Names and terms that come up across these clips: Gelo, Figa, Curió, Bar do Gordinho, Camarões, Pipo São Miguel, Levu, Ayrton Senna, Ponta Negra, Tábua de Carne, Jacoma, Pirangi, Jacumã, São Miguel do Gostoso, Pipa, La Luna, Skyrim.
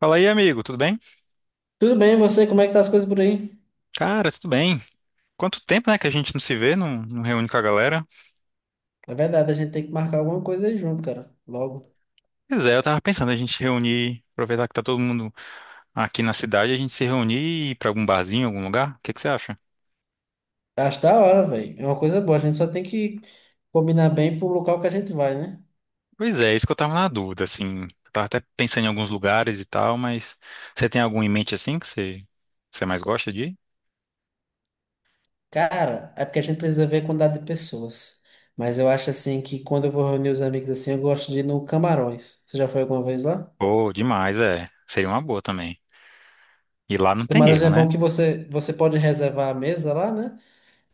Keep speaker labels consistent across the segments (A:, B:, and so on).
A: Fala aí, amigo, tudo bem?
B: Tudo bem, e você? Como é que tá as coisas por aí?
A: Cara, tudo bem. Quanto tempo, né, que a gente não se vê, não, não reúne com a galera?
B: É verdade, a gente tem que marcar alguma coisa aí junto, cara. Logo.
A: Pois é, eu tava pensando a gente reunir, aproveitar que tá todo mundo aqui na cidade, a gente se reunir e ir pra algum barzinho, algum lugar? O que que você acha?
B: Tá, acho da hora, velho. É uma coisa boa. A gente só tem que combinar bem pro local que a gente vai, né?
A: Pois é, isso que eu tava na dúvida, assim. Eu tava até pensando em alguns lugares e tal, mas você tem algum em mente, assim, que você mais gosta de ir?
B: Cara, é porque a gente precisa ver a quantidade de pessoas. Mas eu acho assim que quando eu vou reunir os amigos assim, eu gosto de ir no Camarões. Você já foi alguma vez lá?
A: Pô, demais, é. Seria uma boa também. E lá não tem
B: Camarões
A: erro,
B: é bom
A: né?
B: que você pode reservar a mesa lá, né?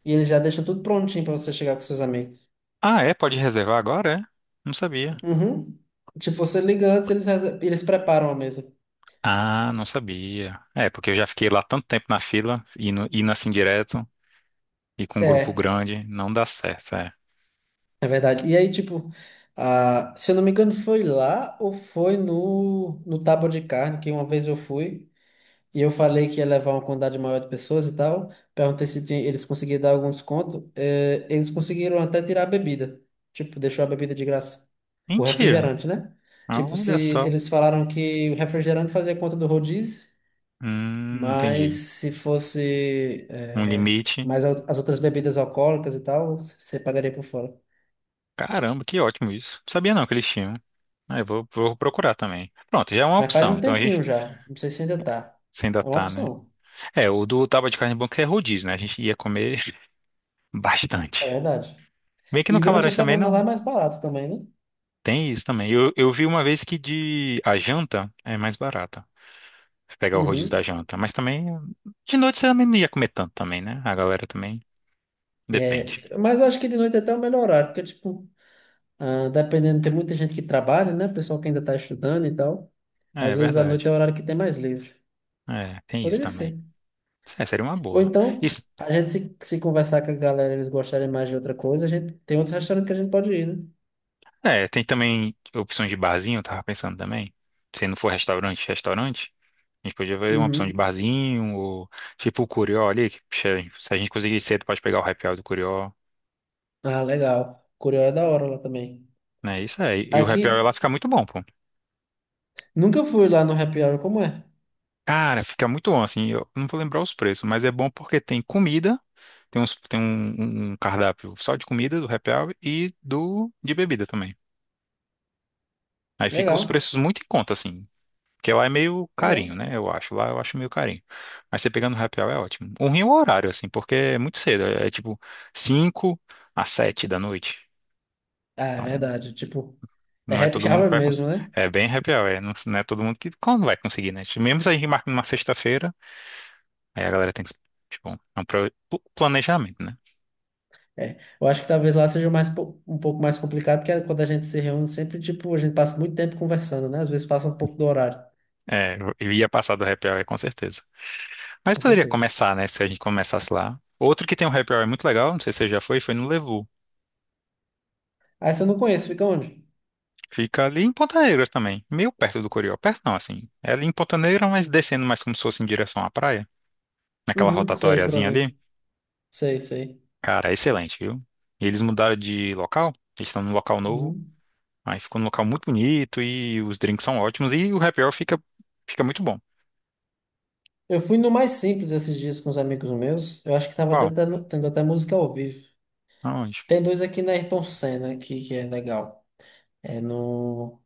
B: E eles já deixam tudo prontinho pra você chegar com seus amigos.
A: Ah, é? Pode reservar agora, é? Não sabia.
B: Uhum. Tipo, você liga antes, eles preparam a mesa.
A: Ah, não sabia. É, porque eu já fiquei lá tanto tempo na fila, indo assim direto, e com um grupo
B: É.
A: grande, não dá certo, é.
B: É verdade. E aí, tipo, se eu não me engano, foi lá ou foi no Tábua de Carne, que uma vez eu fui e eu falei que ia levar uma quantidade maior de pessoas e tal. Perguntei se eles conseguiam dar algum desconto. Eles conseguiram até tirar a bebida. Tipo, deixou a bebida de graça. O
A: Mentira.
B: refrigerante, né? Tipo, se
A: Olha só.
B: eles falaram que o refrigerante fazia conta do rodízio, mas
A: Entendi.
B: se fosse,
A: Um limite.
B: mais as outras bebidas alcoólicas e tal, você pagaria por fora.
A: Caramba, que ótimo isso. Não sabia não que eles tinham. Ah, vou procurar também. Pronto, já é uma
B: Mas faz
A: opção.
B: um
A: Então a
B: tempinho
A: gente
B: já. Não sei se ainda tá.
A: se ainda
B: É uma
A: tá, né?
B: opção,
A: É, o do tábua de carne branca é rodízio, né? A gente ia comer
B: é
A: bastante.
B: verdade.
A: Bem que no
B: E durante a
A: Camarões também
B: semana lá é
A: não
B: mais barato também, né?
A: tem isso também. Eu vi uma vez que de a janta é mais barata. Pegar o rodízio da
B: Uhum.
A: janta. Mas também, de noite você também não ia comer tanto também, né? A galera também
B: É,
A: depende.
B: mas eu acho que de noite é até é o melhor horário, porque, tipo, dependendo, tem muita gente que trabalha, né? Pessoal que ainda tá estudando e tal.
A: É, é
B: Às vezes à noite
A: verdade.
B: é o horário que tem mais livre.
A: É, tem isso
B: Poderia ser.
A: também. É, seria uma
B: Ou
A: boa.
B: então,
A: Isso,
B: a gente se conversar com a galera, eles gostarem mais de outra coisa, a gente tem outros restaurantes que a gente pode ir, né?
A: é, tem também opções de barzinho, eu tava pensando também. Se não for restaurante, a gente podia ver uma opção de
B: Uhum.
A: barzinho, ou tipo o Curió ali, se a gente conseguir ir cedo, pode pegar o happy hour do Curió,
B: Ah, legal. Curió é da hora lá também.
A: né? Isso aí. E o happy hour
B: Aqui,
A: lá fica muito bom, pô.
B: nunca fui lá no happy hour, como é?
A: Cara, fica muito bom, assim, eu não vou lembrar os preços, mas é bom porque tem comida. Tem um cardápio só de comida do happy hour e do de bebida também. Aí fica os
B: Legal.
A: preços muito em conta, assim. Porque lá é meio carinho,
B: Legal.
A: né? Eu acho. Lá eu acho meio carinho. Mas você pegando no happy hour é ótimo. O ruim é o horário, assim, porque é muito cedo. É, é tipo 5 às 7 da noite.
B: Ah, é
A: Então,
B: verdade. Tipo, é
A: não é todo
B: happy
A: mundo que
B: hour
A: vai
B: mesmo,
A: conseguir.
B: né?
A: É bem happy hour, é. Não, não é todo mundo que quando vai conseguir, né? Tipo, mesmo se a gente marca numa sexta-feira, aí a galera tem que. Tipo, é um pro- planejamento, né?
B: É. Eu acho que talvez lá seja mais, um pouco mais complicado, que é quando a gente se reúne sempre, tipo, a gente passa muito tempo conversando, né? Às vezes passa um pouco do horário.
A: É, eu ia passar do happy hour com certeza. Mas
B: Com
A: poderia
B: certeza.
A: começar, né? Se a gente começasse lá. Outro que tem um happy hour muito legal, não sei se você já foi, foi no Levu.
B: Ah, você não conhece, fica onde?
A: Fica ali em Ponta Negra também, meio perto do Coriol. Perto não, assim. É ali em Ponta Negra, mas descendo mais como se fosse em direção à praia. Naquela
B: Uhum, sei, por
A: rotatóriazinha
B: ali.
A: ali.
B: Sei, sei.
A: Cara, é excelente, viu? E eles mudaram de local, eles estão num local novo.
B: Uhum.
A: Aí ficou num local muito bonito e os drinks são ótimos e o happy hour fica, fica muito bom.
B: Eu fui no mais simples esses dias com os amigos meus. Eu acho que tava até
A: Qual?
B: tendo até música ao vivo.
A: Aonde?
B: Tem dois aqui na Ayrton Senna aqui, que é legal. É no.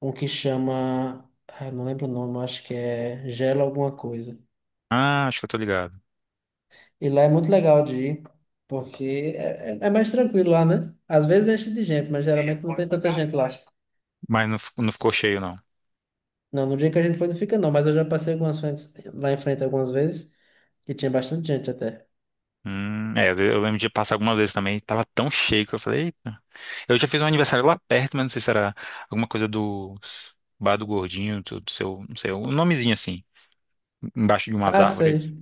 B: Um que chama, não lembro o nome, acho que é Gelo alguma coisa.
A: Ah, acho que eu tô ligado.
B: E lá é muito legal de ir, porque é mais tranquilo lá, né? Às vezes enche de gente, mas é, geralmente não tem tanta gente lá.
A: Mas não, não ficou cheio, não.
B: Não, no dia que a gente foi não fica não, mas eu já passei algumas frentes, lá em frente algumas vezes e tinha bastante gente até.
A: É, às vezes eu lembro de passar algumas vezes também, tava tão cheio que eu falei, eita. Eu já fiz um aniversário lá perto, mas não sei se era alguma coisa do Bar do Gordinho, do seu, não sei, um nomezinho assim, embaixo de umas
B: Ah,
A: árvores.
B: sei.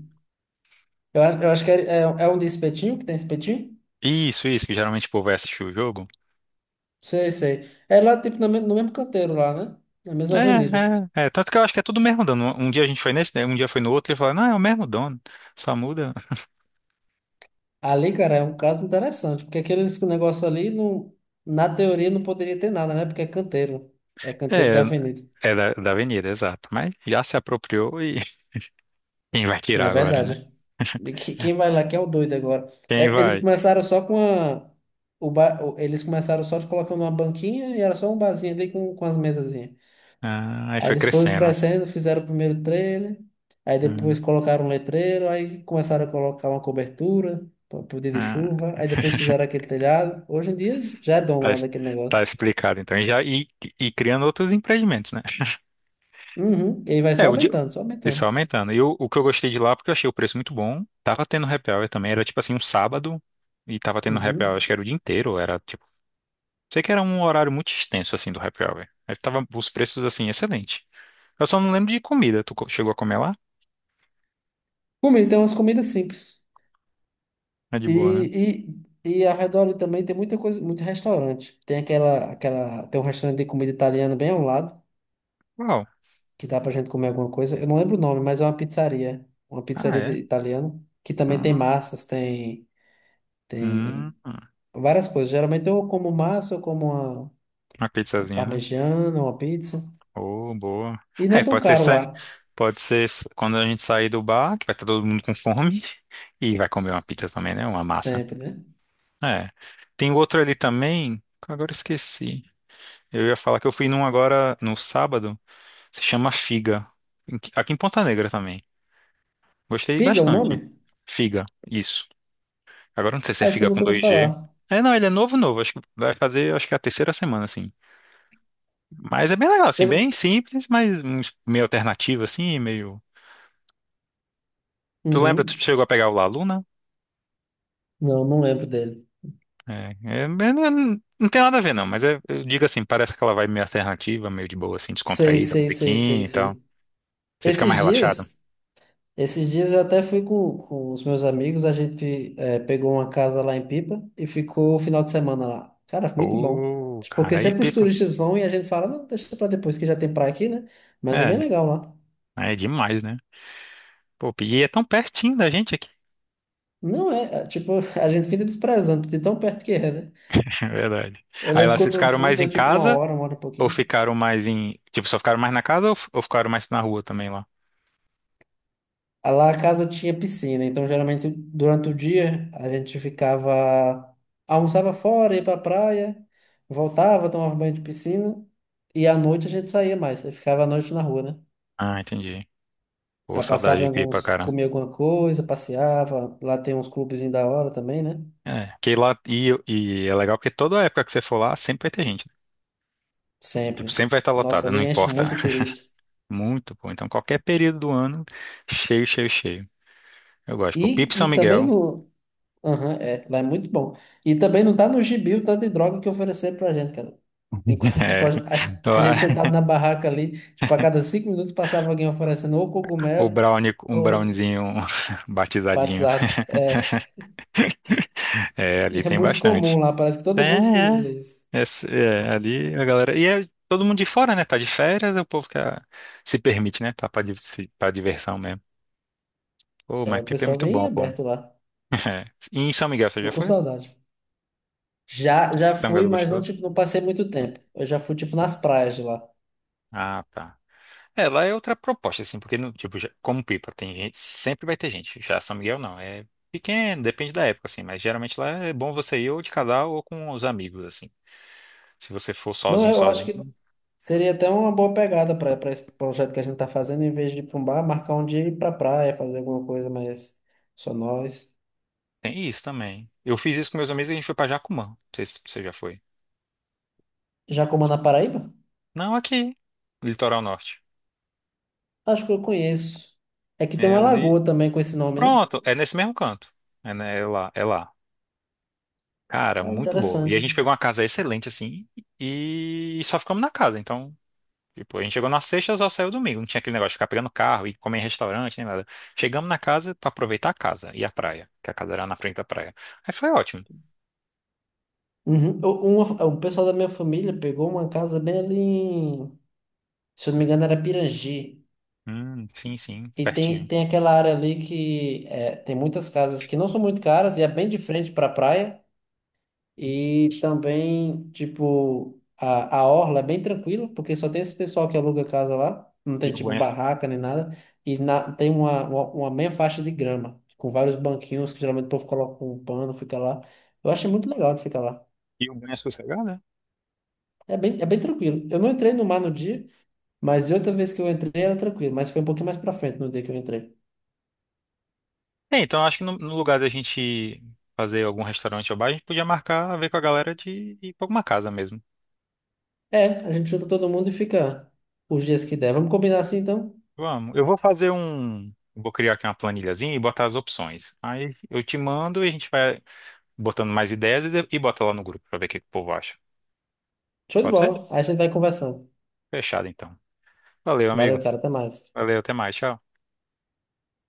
B: Eu acho que é um de espetinho, que tem espetinho?
A: Isso, que geralmente o povo vai assistir o jogo.
B: Sei, sei. É lá, tipo, no mesmo canteiro lá, né? Na mesma avenida.
A: É, é. Tanto que eu acho que é tudo o mesmo dono. Um dia a gente foi nesse, né? Um dia foi no outro e falaram, não, é o mesmo dono, só muda.
B: Ali, cara, é um caso interessante, porque aquele negócio ali, não, na teoria, não poderia ter nada, né? Porque é canteiro. É canteiro
A: É,
B: da avenida.
A: é da avenida, exato. Mas já se apropriou e quem vai
B: Não
A: tirar
B: é
A: agora, né?
B: verdade. Quem vai lá que é o doido agora.
A: Quem
B: É, eles
A: vai?
B: começaram só com a... Eles começaram só colocando uma banquinha e era só um barzinho ali com as mesazinhas.
A: Ah, aí
B: Aí
A: foi
B: eles foram
A: crescendo.
B: crescendo, fizeram o primeiro trailer, aí depois
A: Hum.
B: colocaram um letreiro, aí começaram a colocar uma cobertura para poder de
A: Ah,
B: chuva, aí depois fizeram aquele telhado. Hoje em dia já é dono
A: tá,
B: lá daquele
A: tá
B: negócio.
A: explicado, então. E, já, e criando outros empreendimentos, né?
B: Uhum. E aí vai
A: É,
B: só aumentando, só
A: isso
B: aumentando.
A: aumentando. E o que eu gostei de lá, porque eu achei o preço muito bom. Tava tendo happy hour também, era tipo assim, um sábado, e tava tendo happy hour,
B: Uhum.
A: acho que era o dia inteiro, era tipo. Sei que era um horário muito extenso, assim, do happy hour. Aí tava os preços, assim, excelente. Eu só não lembro de comida. Chegou a comer lá?
B: Comida, tem umas comidas simples.
A: É de boa, né?
B: E, e ao redor ali também tem muita coisa, muito restaurante. Tem um restaurante de comida italiana bem ao lado,
A: Uau.
B: que dá pra gente comer alguma coisa. Eu não lembro o nome, mas é uma pizzaria. Uma
A: Ah,
B: pizzaria
A: é?
B: italiana, que também tem
A: Hum,
B: massas, tem
A: hum,
B: Tem
A: hum.
B: várias coisas. Geralmente eu como massa, eu como uma,
A: Uma
B: uma
A: pizzazinha, né?
B: parmegiana, uma pizza.
A: Oh, boa.
B: E não
A: É,
B: é tão
A: pode ser
B: caro lá,
A: saindo, quando a gente sair do bar, que vai estar todo mundo com fome, e vai comer uma pizza também, né? Uma massa.
B: sempre, né?
A: É. Tem outro ali também, que agora eu esqueci. Eu ia falar que eu fui num agora no sábado, se chama Figa, aqui em Ponta Negra também. Gostei
B: Figa é o nome?
A: bastante. Figa, isso. Agora eu não sei se é
B: Ah, esse eu
A: Figa com
B: nunca ouvi
A: dois g.
B: falar.
A: É, não, ele é novo, novo. Acho que vai fazer, acho que é a terceira semana, assim. Mas é bem legal, assim,
B: Você...
A: bem simples, meio alternativo, assim, meio. Tu lembra, tu
B: Uhum.
A: chegou a pegar o La Luna?
B: Não, não lembro dele.
A: É, é, é, não, é- não tem nada a ver, não, mas é, eu digo assim, parece que ela vai meio alternativa, meio de boa, assim,
B: Sei,
A: descontraída,
B: sei, sei, sei,
A: musiquinha e tal.
B: sei.
A: Você fica
B: Esses
A: mais relaxado.
B: dias, esses dias eu até fui com os meus amigos, a gente pegou uma casa lá em Pipa e ficou o final de semana lá. Cara, muito bom.
A: Pô,
B: Porque
A: cara, aí
B: sempre os
A: pipa.
B: turistas vão e a gente fala, não, deixa pra depois que já tem praia aqui, né? Mas é bem
A: É,
B: legal lá.
A: aí é demais, né? Pô, e é tão pertinho da gente aqui.
B: Não é, tipo, a gente fica desprezando de tão perto que é, né?
A: É verdade.
B: Eu
A: Aí
B: lembro
A: lá vocês
B: quando eu
A: ficaram
B: fui,
A: mais em
B: deu tipo
A: casa
B: uma hora e
A: ou
B: pouquinho.
A: ficaram mais em. Tipo, só ficaram mais na casa ou, ou ficaram mais na rua também lá?
B: Ah, lá a casa tinha piscina, então geralmente durante o dia a gente ficava, almoçava fora, ia pra praia, voltava, tomava banho de piscina e à noite a gente saía mais, aí ficava à noite na rua, né?
A: Ah, entendi. Pô,
B: Aí
A: saudade
B: passava em
A: de pipa,
B: alguns,
A: cara.
B: comia alguma coisa, passeava, lá tem uns clubezinhos da hora também, né?
A: É, que lá. E é legal porque toda época que você for lá, sempre vai ter gente. Tipo,
B: Sempre.
A: sempre vai estar
B: Nossa,
A: lotada,
B: ali
A: não
B: enche
A: importa.
B: muito de turista.
A: Muito bom. Então, qualquer período do ano, cheio, cheio, cheio. Eu gosto. Pô,
B: E,
A: Pipo São
B: e também
A: Miguel.
B: no, aham, é, lá é muito bom. E também não tá no gibi o tanto de droga que ofereceram pra gente, cara. Enquanto, tipo, a,
A: É,
B: a
A: lá,
B: gente sentado na barraca ali, tipo, a cada 5 minutos passava alguém oferecendo ou
A: o
B: cogumelo
A: brownie, um
B: ou
A: browniezinho batizadinho.
B: batizado. É,
A: É,
B: e
A: ali
B: é
A: tem
B: muito comum
A: bastante.
B: lá, parece que
A: É,
B: todo mundo
A: é.
B: usa isso.
A: É, é, ali a galera. E é todo mundo de fora, né? Tá de férias, é o povo que ah, se permite, né? Tá pra, div- se- pra diversão mesmo. Pô,
B: É,
A: mas
B: o
A: Pipa é
B: pessoal
A: muito
B: bem
A: bom, pô.
B: aberto lá.
A: É. E em São Miguel, você
B: Tô
A: já
B: com
A: foi?
B: saudade. Já
A: São Miguel
B: fui,
A: do
B: mas não,
A: Gostoso?
B: tipo, não passei muito tempo. Eu já fui, tipo, nas praias de lá.
A: Ah, tá. É, lá é outra proposta, assim, porque, no- tipo, como Pipa, tem gente, sempre vai ter gente. Já São Miguel não, é pequeno, depende da época, assim, mas geralmente lá é bom você ir ou de casal ou com os amigos, assim. Se você for
B: Não, é,
A: sozinho,
B: eu acho
A: sozinho,
B: que seria até uma boa pegada para esse projeto que a gente está fazendo, em vez de ir pra um bar, marcar um dia e ir pra praia, fazer alguma coisa mais só nós.
A: tem isso também. Eu fiz isso com meus amigos e a gente foi pra Jacumã. Não sei se você já foi.
B: Jacoma na Paraíba?
A: Não, aqui, litoral norte.
B: Acho que eu conheço. É que
A: É
B: tem uma
A: ali.
B: lagoa também com esse nome, né?
A: Pronto, é nesse mesmo canto. É lá. Cara,
B: Ah,
A: muito boa. E a gente
B: interessante.
A: pegou uma casa excelente, assim, e só ficamos na casa, então. Tipo, a gente chegou na sexta, só saiu domingo. Não tinha aquele negócio de ficar pegando carro e comer em restaurante, nem nada. Chegamos na casa pra aproveitar a casa e a praia, que a casa era na frente da praia. Aí foi ótimo.
B: Uhum. O pessoal da minha família pegou uma casa bem ali em, se eu não me engano, era Pirangi.
A: Sim,
B: E tem,
A: pertinho.
B: tem aquela área ali que é, tem muitas casas que não são muito caras e é bem de frente para a praia.
A: Hum,
B: E também, tipo, a orla é bem tranquila, porque só tem esse pessoal que aluga casa lá, não
A: E
B: tem,
A: o
B: tipo,
A: banho, é,
B: barraca nem nada, e tem uma meia faixa de grama, com vários banquinhos que geralmente o povo coloca um pano, fica lá. Eu achei muito legal de ficar lá.
A: e o banho é sossegado, né?
B: É bem tranquilo. Eu não entrei no mar no dia, mas de outra vez que eu entrei era tranquilo, mas foi um pouquinho mais pra frente no dia que eu entrei.
A: É, então acho que no, no lugar da gente fazer algum restaurante ou bar, a gente podia marcar, ver com a galera de ir pra alguma casa mesmo.
B: É, a gente junta todo mundo e fica os dias que der. Vamos combinar assim, então?
A: Vamos. Eu vou fazer um. Vou criar aqui uma planilhazinha e botar as opções. Aí eu te mando e a gente vai botando mais ideias e bota lá no grupo pra ver o que que o povo acha.
B: Show de
A: Pode ser?
B: bola. Aí a gente vai conversando.
A: Fechado, então. Valeu, amigo.
B: Valeu, cara, até mais.
A: Valeu, até mais. Tchau.